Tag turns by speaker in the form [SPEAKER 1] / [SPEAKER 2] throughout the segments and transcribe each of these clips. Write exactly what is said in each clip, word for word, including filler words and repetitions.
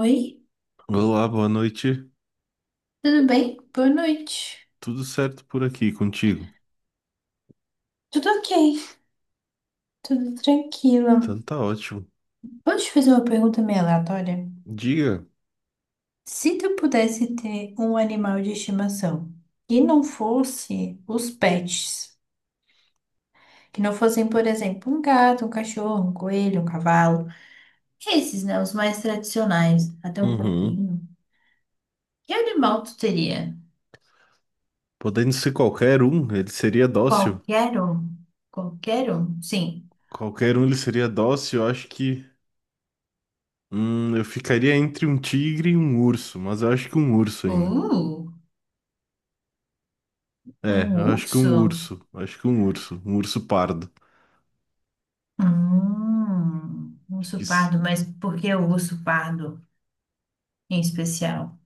[SPEAKER 1] Oi,
[SPEAKER 2] Olá, boa noite.
[SPEAKER 1] tudo bem? Boa noite.
[SPEAKER 2] Tudo certo por aqui contigo?
[SPEAKER 1] Tudo ok, tudo tranquilo.
[SPEAKER 2] Então tá ótimo.
[SPEAKER 1] Vou te fazer uma pergunta meio aleatória.
[SPEAKER 2] Diga.
[SPEAKER 1] Se tu pudesse ter um animal de estimação que não fosse os pets, que não fossem, por exemplo, um gato, um cachorro, um coelho, um cavalo, esses, né, os mais tradicionais, até um
[SPEAKER 2] Uhum.
[SPEAKER 1] porquinho, que animal tu teria?
[SPEAKER 2] Podendo ser qualquer um, ele seria dócil.
[SPEAKER 1] Qualquer um? Qualquer um? Sim.
[SPEAKER 2] Qualquer um ele seria dócil. Eu acho que hum, eu ficaria entre um tigre e um urso, mas eu acho que um urso ainda.
[SPEAKER 1] Uh,
[SPEAKER 2] É,
[SPEAKER 1] um
[SPEAKER 2] eu acho que um
[SPEAKER 1] urso?
[SPEAKER 2] urso. Eu acho que um urso. Um urso pardo.
[SPEAKER 1] Hum, um
[SPEAKER 2] Acho que
[SPEAKER 1] urso
[SPEAKER 2] isso.
[SPEAKER 1] pardo, mas por que o urso pardo em especial?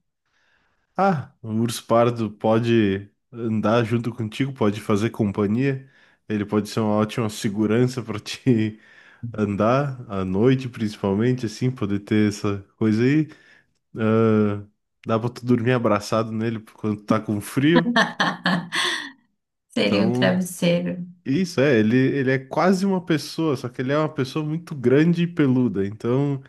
[SPEAKER 2] Ah, um urso pardo pode andar junto contigo, pode fazer companhia. Ele pode ser uma ótima segurança para ti. Andar à noite, principalmente, assim, poder ter essa coisa aí. Ah, dá pra tu dormir abraçado nele quando tá com frio.
[SPEAKER 1] Seria um
[SPEAKER 2] Então,
[SPEAKER 1] travesseiro.
[SPEAKER 2] isso é, ele, ele é quase uma pessoa, só que ele é uma pessoa muito grande e peluda. Então,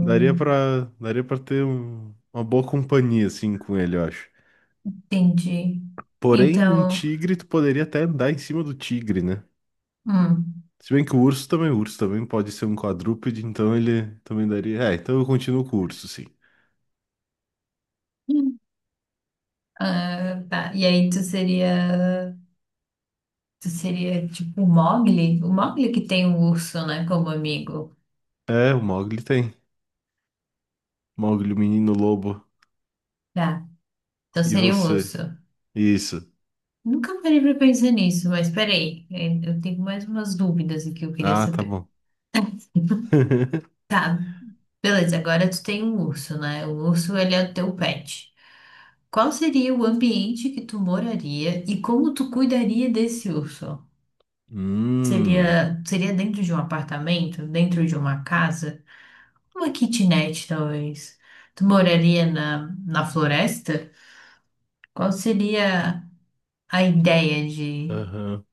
[SPEAKER 2] daria pra, daria pra ter um- uma boa companhia, assim, com ele, eu acho.
[SPEAKER 1] entendi.
[SPEAKER 2] Porém, um
[SPEAKER 1] Então,
[SPEAKER 2] tigre, tu poderia até andar em cima do tigre, né?
[SPEAKER 1] hum.
[SPEAKER 2] Se bem que o urso também, o urso também pode ser um quadrúpede, então ele também daria. É, então eu continuo com o urso, sim.
[SPEAKER 1] Ah, tá. E aí tu seria, tu seria tipo o Mogli? O Mogli que tem um urso, né, como amigo.
[SPEAKER 2] É, o Mogli tem. Mogli, o menino lobo.
[SPEAKER 1] Tá. Então
[SPEAKER 2] E
[SPEAKER 1] seria um
[SPEAKER 2] você?
[SPEAKER 1] urso.
[SPEAKER 2] Isso.
[SPEAKER 1] Nunca parei pra pensar nisso, mas peraí, eu tenho mais umas dúvidas aqui que eu queria
[SPEAKER 2] Ah, tá
[SPEAKER 1] saber.
[SPEAKER 2] bom.
[SPEAKER 1] Tá. Beleza, agora tu tem um urso, né? O urso, ele é o teu pet. Qual seria o ambiente que tu moraria e como tu cuidaria desse urso?
[SPEAKER 2] Hum.
[SPEAKER 1] Seria, seria dentro de um apartamento, dentro de uma casa, uma kitnet, talvez. Tu moraria na, na floresta? Qual seria a ideia de.
[SPEAKER 2] Aham.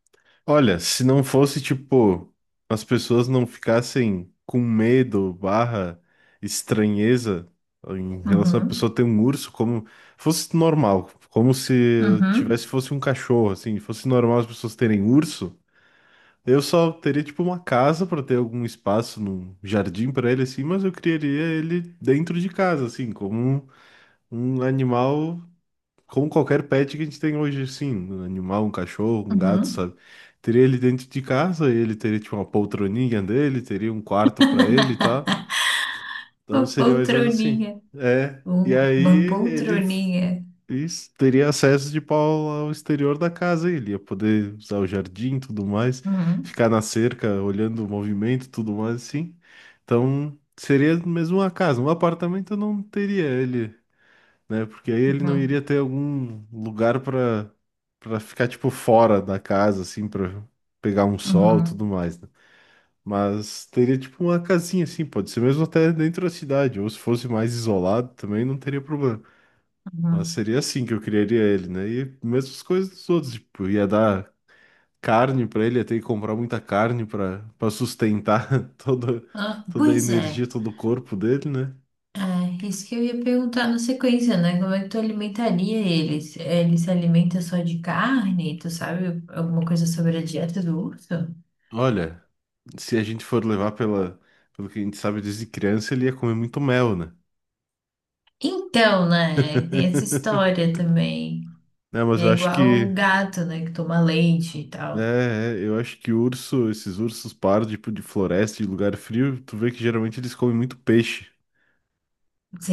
[SPEAKER 2] Olha, se não fosse, tipo, as pessoas não ficassem com medo, barra, estranheza em relação à pessoa
[SPEAKER 1] Uhum,
[SPEAKER 2] ter um urso, como fosse normal, como se
[SPEAKER 1] uhum,
[SPEAKER 2] tivesse fosse um cachorro, assim, fosse normal as pessoas terem urso, eu só teria, tipo, uma casa para ter algum espaço num jardim para ele, assim, mas eu criaria ele dentro de casa, assim, como um. Um animal, como qualquer pet que a gente tem hoje, sim. Um animal, um cachorro, um gato,
[SPEAKER 1] uhum.
[SPEAKER 2] sabe? Teria ele dentro de casa, ele teria tipo uma poltroninha dele, teria um quarto pra ele e tal. Então
[SPEAKER 1] Uma
[SPEAKER 2] seria mais ou menos assim.
[SPEAKER 1] poltroninha,
[SPEAKER 2] É. E
[SPEAKER 1] um-
[SPEAKER 2] aí
[SPEAKER 1] uma
[SPEAKER 2] ele f-
[SPEAKER 1] poltroninha.
[SPEAKER 2] is- teria acesso de pau ao exterior da casa, ele ia poder usar o jardim, tudo mais,
[SPEAKER 1] Uhum,
[SPEAKER 2] ficar na cerca, olhando o movimento, tudo mais assim. Então seria mesmo uma casa, um apartamento eu não teria ele, né? Porque aí ele não iria
[SPEAKER 1] uhum,
[SPEAKER 2] ter algum lugar para para ficar tipo fora da casa assim, para pegar um sol, e tudo
[SPEAKER 1] uhum,
[SPEAKER 2] mais, né? Mas teria tipo uma casinha assim, pode ser mesmo até dentro da cidade, ou se fosse mais isolado também não teria problema. Mas
[SPEAKER 1] uhum.
[SPEAKER 2] seria assim que eu criaria ele, né? E mesmas coisas dos outros, tipo, ia dar carne para ele, ia ter que comprar muita carne para para sustentar toda
[SPEAKER 1] Ah,
[SPEAKER 2] toda a
[SPEAKER 1] pois
[SPEAKER 2] energia,
[SPEAKER 1] é.
[SPEAKER 2] todo o corpo dele, né?
[SPEAKER 1] É, isso que eu ia perguntar na sequência, né? Como é que tu alimentaria eles? Ele se alimenta só de carne? Tu sabe alguma coisa sobre a dieta do urso?
[SPEAKER 2] Olha, se a gente for levar pela, pelo que a gente sabe desde criança, ele ia comer muito mel, né?
[SPEAKER 1] Então, né? Tem essa história também.
[SPEAKER 2] Não, mas
[SPEAKER 1] É
[SPEAKER 2] eu acho
[SPEAKER 1] igual
[SPEAKER 2] que.
[SPEAKER 1] o gato, né? Que toma leite e tal.
[SPEAKER 2] É, é, eu acho que urso, esses ursos pardos, tipo, de floresta, de lugar frio, tu vê que geralmente eles comem muito peixe,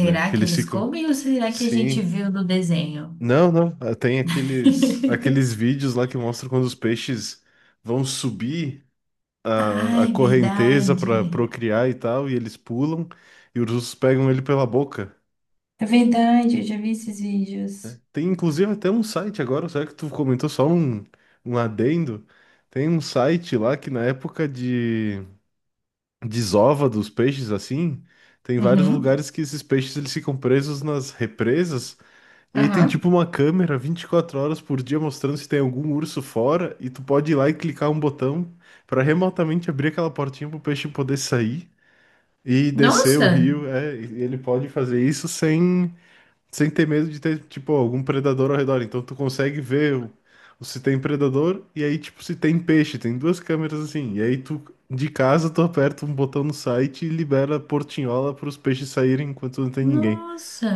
[SPEAKER 2] né? Que
[SPEAKER 1] que
[SPEAKER 2] eles
[SPEAKER 1] eles
[SPEAKER 2] ficam.
[SPEAKER 1] comem ou será que a gente
[SPEAKER 2] Sim.
[SPEAKER 1] viu no desenho?
[SPEAKER 2] Não, não. ah, Tem aqueles, aqueles vídeos lá que mostram quando os peixes vão subir a, a
[SPEAKER 1] Ai,
[SPEAKER 2] correnteza
[SPEAKER 1] verdade.
[SPEAKER 2] para procriar e tal, e eles pulam, e os ursos pegam ele pela boca,
[SPEAKER 1] É verdade, eu já vi esses vídeos.
[SPEAKER 2] né? Tem inclusive até um site agora, será que tu comentou só um, um adendo? Tem um site lá que na época de desova dos peixes assim, tem vários
[SPEAKER 1] Uhum.
[SPEAKER 2] lugares que esses peixes eles ficam presos nas represas e aí tem tipo
[SPEAKER 1] Aham.
[SPEAKER 2] uma câmera vinte e quatro horas por dia mostrando se tem algum urso fora e tu pode ir lá e clicar um botão para remotamente abrir aquela portinha pro peixe poder sair. E descer o
[SPEAKER 1] Nossa!
[SPEAKER 2] rio, é, e ele pode fazer isso sem sem ter medo de ter, tipo, algum predador ao redor. Então tu consegue ver o- o se tem predador e aí, tipo, se tem peixe. Tem duas câmeras assim. E aí tu, de casa, tu aperta um botão no site e libera a portinhola para os peixes saírem enquanto não tem ninguém.
[SPEAKER 1] Nossa!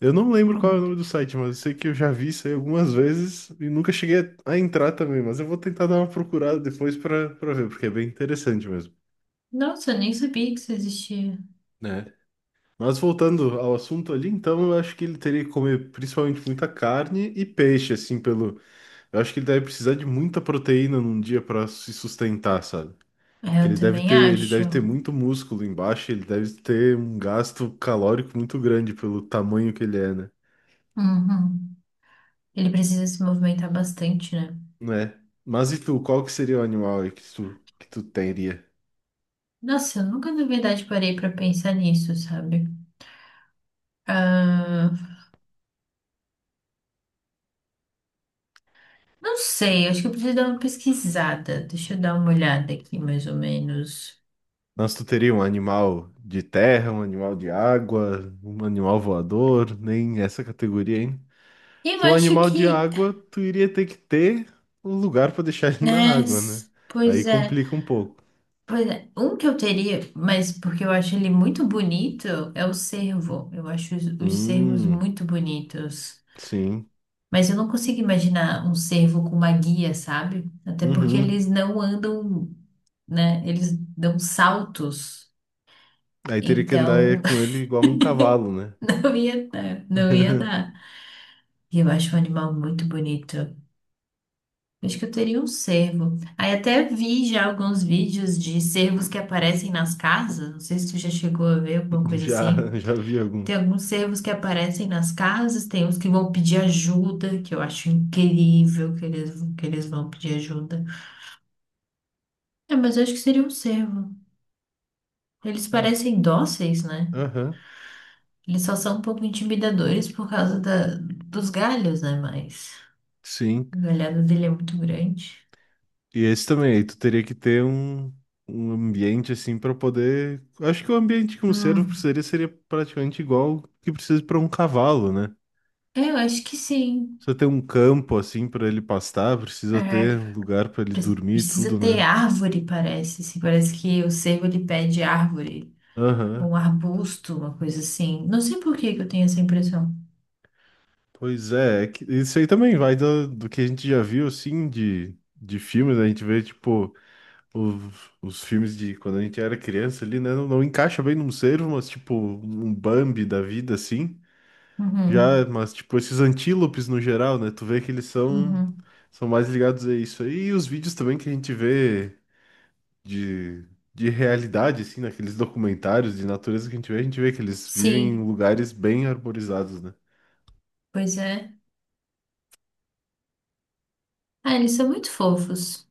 [SPEAKER 2] Eu não lembro qual é o nome do site, mas eu sei que eu já vi isso aí algumas vezes e nunca cheguei a a entrar também. Mas eu vou tentar dar uma procurada depois para para ver, porque é bem interessante mesmo,
[SPEAKER 1] Nossa, eu nem sabia que isso existia.
[SPEAKER 2] né? Mas voltando ao assunto ali, então eu acho que ele teria que comer principalmente muita carne e peixe, assim, pelo. Eu acho que ele deve precisar de muita proteína num dia para se sustentar, sabe?
[SPEAKER 1] É,
[SPEAKER 2] Que
[SPEAKER 1] eu
[SPEAKER 2] ele deve
[SPEAKER 1] também
[SPEAKER 2] ter, ele
[SPEAKER 1] acho.
[SPEAKER 2] deve ter muito músculo embaixo, ele deve ter um gasto calórico muito grande pelo tamanho que ele é, né?
[SPEAKER 1] Uhum. Ele precisa se movimentar bastante, né?
[SPEAKER 2] Não é? Mas e tu, qual que seria o animal aí que tu, que tu teria?
[SPEAKER 1] Nossa, eu nunca na verdade parei pra pensar nisso, sabe? Ah, não sei, acho que eu preciso dar uma pesquisada. Deixa eu dar uma olhada aqui, mais ou menos.
[SPEAKER 2] Mas tu teria um animal de terra, um animal de água, um animal voador, nem essa categoria, hein?
[SPEAKER 1] Eu
[SPEAKER 2] Que o
[SPEAKER 1] acho
[SPEAKER 2] animal de
[SPEAKER 1] que,
[SPEAKER 2] água, tu iria ter que ter um lugar para deixar ele na
[SPEAKER 1] né?
[SPEAKER 2] água,
[SPEAKER 1] s-
[SPEAKER 2] né?
[SPEAKER 1] Pois
[SPEAKER 2] Aí
[SPEAKER 1] é,
[SPEAKER 2] complica um pouco.
[SPEAKER 1] pois é. Um que eu teria, mas porque eu acho ele muito bonito, é o cervo. Eu acho os, os cervos
[SPEAKER 2] Hum.
[SPEAKER 1] muito bonitos.
[SPEAKER 2] Sim.
[SPEAKER 1] Mas eu não consigo imaginar um cervo com uma guia, sabe? Até porque
[SPEAKER 2] Uhum.
[SPEAKER 1] eles não andam, né? Eles dão saltos.
[SPEAKER 2] Aí teria que andar é,
[SPEAKER 1] Então,
[SPEAKER 2] com ele igual um cavalo, né?
[SPEAKER 1] não ia dar, não ia dar. E eu acho um animal muito bonito. Acho que eu teria um cervo. Aí até vi já alguns vídeos de cervos que aparecem nas casas. Não sei se tu já chegou a ver alguma coisa
[SPEAKER 2] Já,
[SPEAKER 1] assim.
[SPEAKER 2] já vi
[SPEAKER 1] Tem
[SPEAKER 2] alguns.
[SPEAKER 1] alguns cervos que aparecem nas casas, tem uns que vão pedir ajuda, que eu acho incrível que eles, que eles vão pedir ajuda. É, mas eu acho que seria um cervo. Eles
[SPEAKER 2] Ah,
[SPEAKER 1] parecem dóceis, né?
[SPEAKER 2] aham.
[SPEAKER 1] Eles só são um pouco intimidadores por causa da, dos galhos, né? Mas
[SPEAKER 2] Sim.
[SPEAKER 1] o galhado dele é muito grande.
[SPEAKER 2] E esse também, aí tu teria que ter um, um ambiente assim para poder. Acho que o ambiente que um cervo
[SPEAKER 1] Hum,
[SPEAKER 2] precisaria seria praticamente igual o que precisa para um cavalo, né?
[SPEAKER 1] é, eu acho que sim.
[SPEAKER 2] Precisa ter um campo assim para ele pastar, precisa
[SPEAKER 1] É,
[SPEAKER 2] ter um lugar para ele
[SPEAKER 1] pre-
[SPEAKER 2] dormir e
[SPEAKER 1] precisa
[SPEAKER 2] tudo,
[SPEAKER 1] ter
[SPEAKER 2] né?
[SPEAKER 1] árvore, parece. Assim, parece que o cervo ele pede árvore, ou
[SPEAKER 2] Aham.
[SPEAKER 1] um arbusto, uma coisa assim. Não sei por que que eu tenho essa impressão.
[SPEAKER 2] Pois é, é que isso aí também vai do, do que a gente já viu, assim, de, de filmes, né? A gente vê, tipo, os, os filmes de quando a gente era criança ali, né? Não, não encaixa bem num cervo, mas, tipo, um Bambi da vida, assim. Já,
[SPEAKER 1] Uhum,
[SPEAKER 2] mas, tipo, esses antílopes no geral, né? Tu vê que eles são,
[SPEAKER 1] uhum.
[SPEAKER 2] são mais ligados a isso aí. E os vídeos também que a gente vê de, de realidade, assim, naqueles documentários de natureza que a gente vê, a gente vê que eles vivem em
[SPEAKER 1] Sim,
[SPEAKER 2] lugares bem arborizados, né?
[SPEAKER 1] pois é. Ah, eles são muito fofos.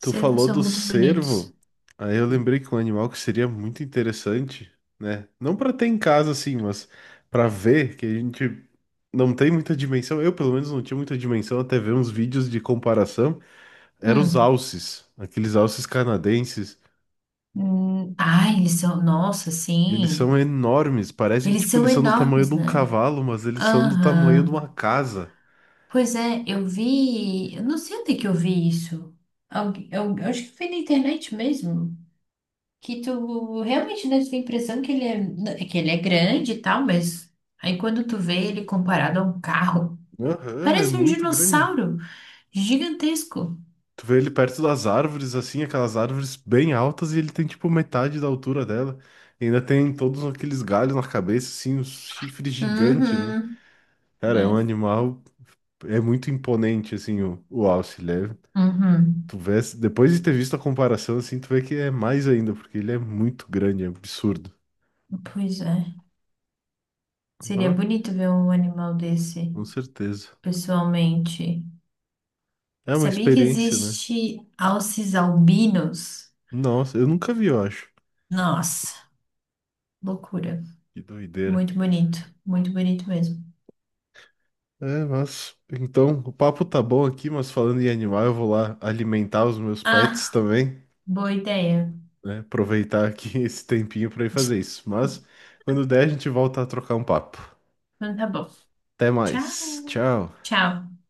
[SPEAKER 2] Tu falou
[SPEAKER 1] são
[SPEAKER 2] do
[SPEAKER 1] muito bonitos.
[SPEAKER 2] cervo, aí eu lembrei que um animal que seria muito interessante, né? Não pra ter em casa assim, mas pra ver que a gente não tem muita dimensão. Eu, pelo menos, não tinha muita dimensão até ver uns vídeos de comparação. Eram os
[SPEAKER 1] Hum.
[SPEAKER 2] alces, aqueles alces canadenses.
[SPEAKER 1] Hum, ai, eles são. Nossa,
[SPEAKER 2] Eles são
[SPEAKER 1] sim.
[SPEAKER 2] enormes, parece que
[SPEAKER 1] Eles
[SPEAKER 2] tipo
[SPEAKER 1] são
[SPEAKER 2] eles são do tamanho de
[SPEAKER 1] enormes,
[SPEAKER 2] um
[SPEAKER 1] né?
[SPEAKER 2] cavalo, mas eles são do tamanho de
[SPEAKER 1] Aham.
[SPEAKER 2] uma casa.
[SPEAKER 1] Pois é, eu vi. Eu não sei onde é que eu vi isso. Algu- Eu, eu acho que foi na internet mesmo. Que tu realmente dá a impressão que ele é, né, que ele é grande e tal, mas aí quando tu vê ele comparado a um carro,
[SPEAKER 2] Aham, é
[SPEAKER 1] parece um
[SPEAKER 2] muito grande.
[SPEAKER 1] dinossauro gigantesco.
[SPEAKER 2] Tu vê ele perto das árvores, assim, aquelas árvores bem altas, e ele tem tipo metade da altura dela. E ainda tem todos aqueles galhos na cabeça, assim, os chifres gigantes, né?
[SPEAKER 1] Uhum.
[SPEAKER 2] Cara, é um
[SPEAKER 1] Né?
[SPEAKER 2] animal, é muito imponente, assim, o, o alce. Ele é-
[SPEAKER 1] Uhum.
[SPEAKER 2] tu vê, depois de ter visto a comparação, assim, tu vê que é mais ainda, porque ele é muito grande, é absurdo.
[SPEAKER 1] Pois é. Seria
[SPEAKER 2] Ah,
[SPEAKER 1] bonito ver um animal desse
[SPEAKER 2] com certeza.
[SPEAKER 1] pessoalmente.
[SPEAKER 2] É uma
[SPEAKER 1] Sabia que
[SPEAKER 2] experiência, né?
[SPEAKER 1] existe alces albinos?
[SPEAKER 2] Nossa, eu nunca vi, eu acho.
[SPEAKER 1] Nossa, loucura.
[SPEAKER 2] Que doideira.
[SPEAKER 1] Muito bonito, muito bonito mesmo.
[SPEAKER 2] É, mas então o papo tá bom aqui, mas falando em animal, eu vou lá alimentar os meus pets
[SPEAKER 1] Ah,
[SPEAKER 2] também,
[SPEAKER 1] boa ideia.
[SPEAKER 2] né? Aproveitar aqui esse tempinho pra ir fazer isso. Mas quando der, a gente volta a trocar um papo.
[SPEAKER 1] Então tá bom.
[SPEAKER 2] Até mais.
[SPEAKER 1] Tchau.
[SPEAKER 2] Tchau.
[SPEAKER 1] Tchau.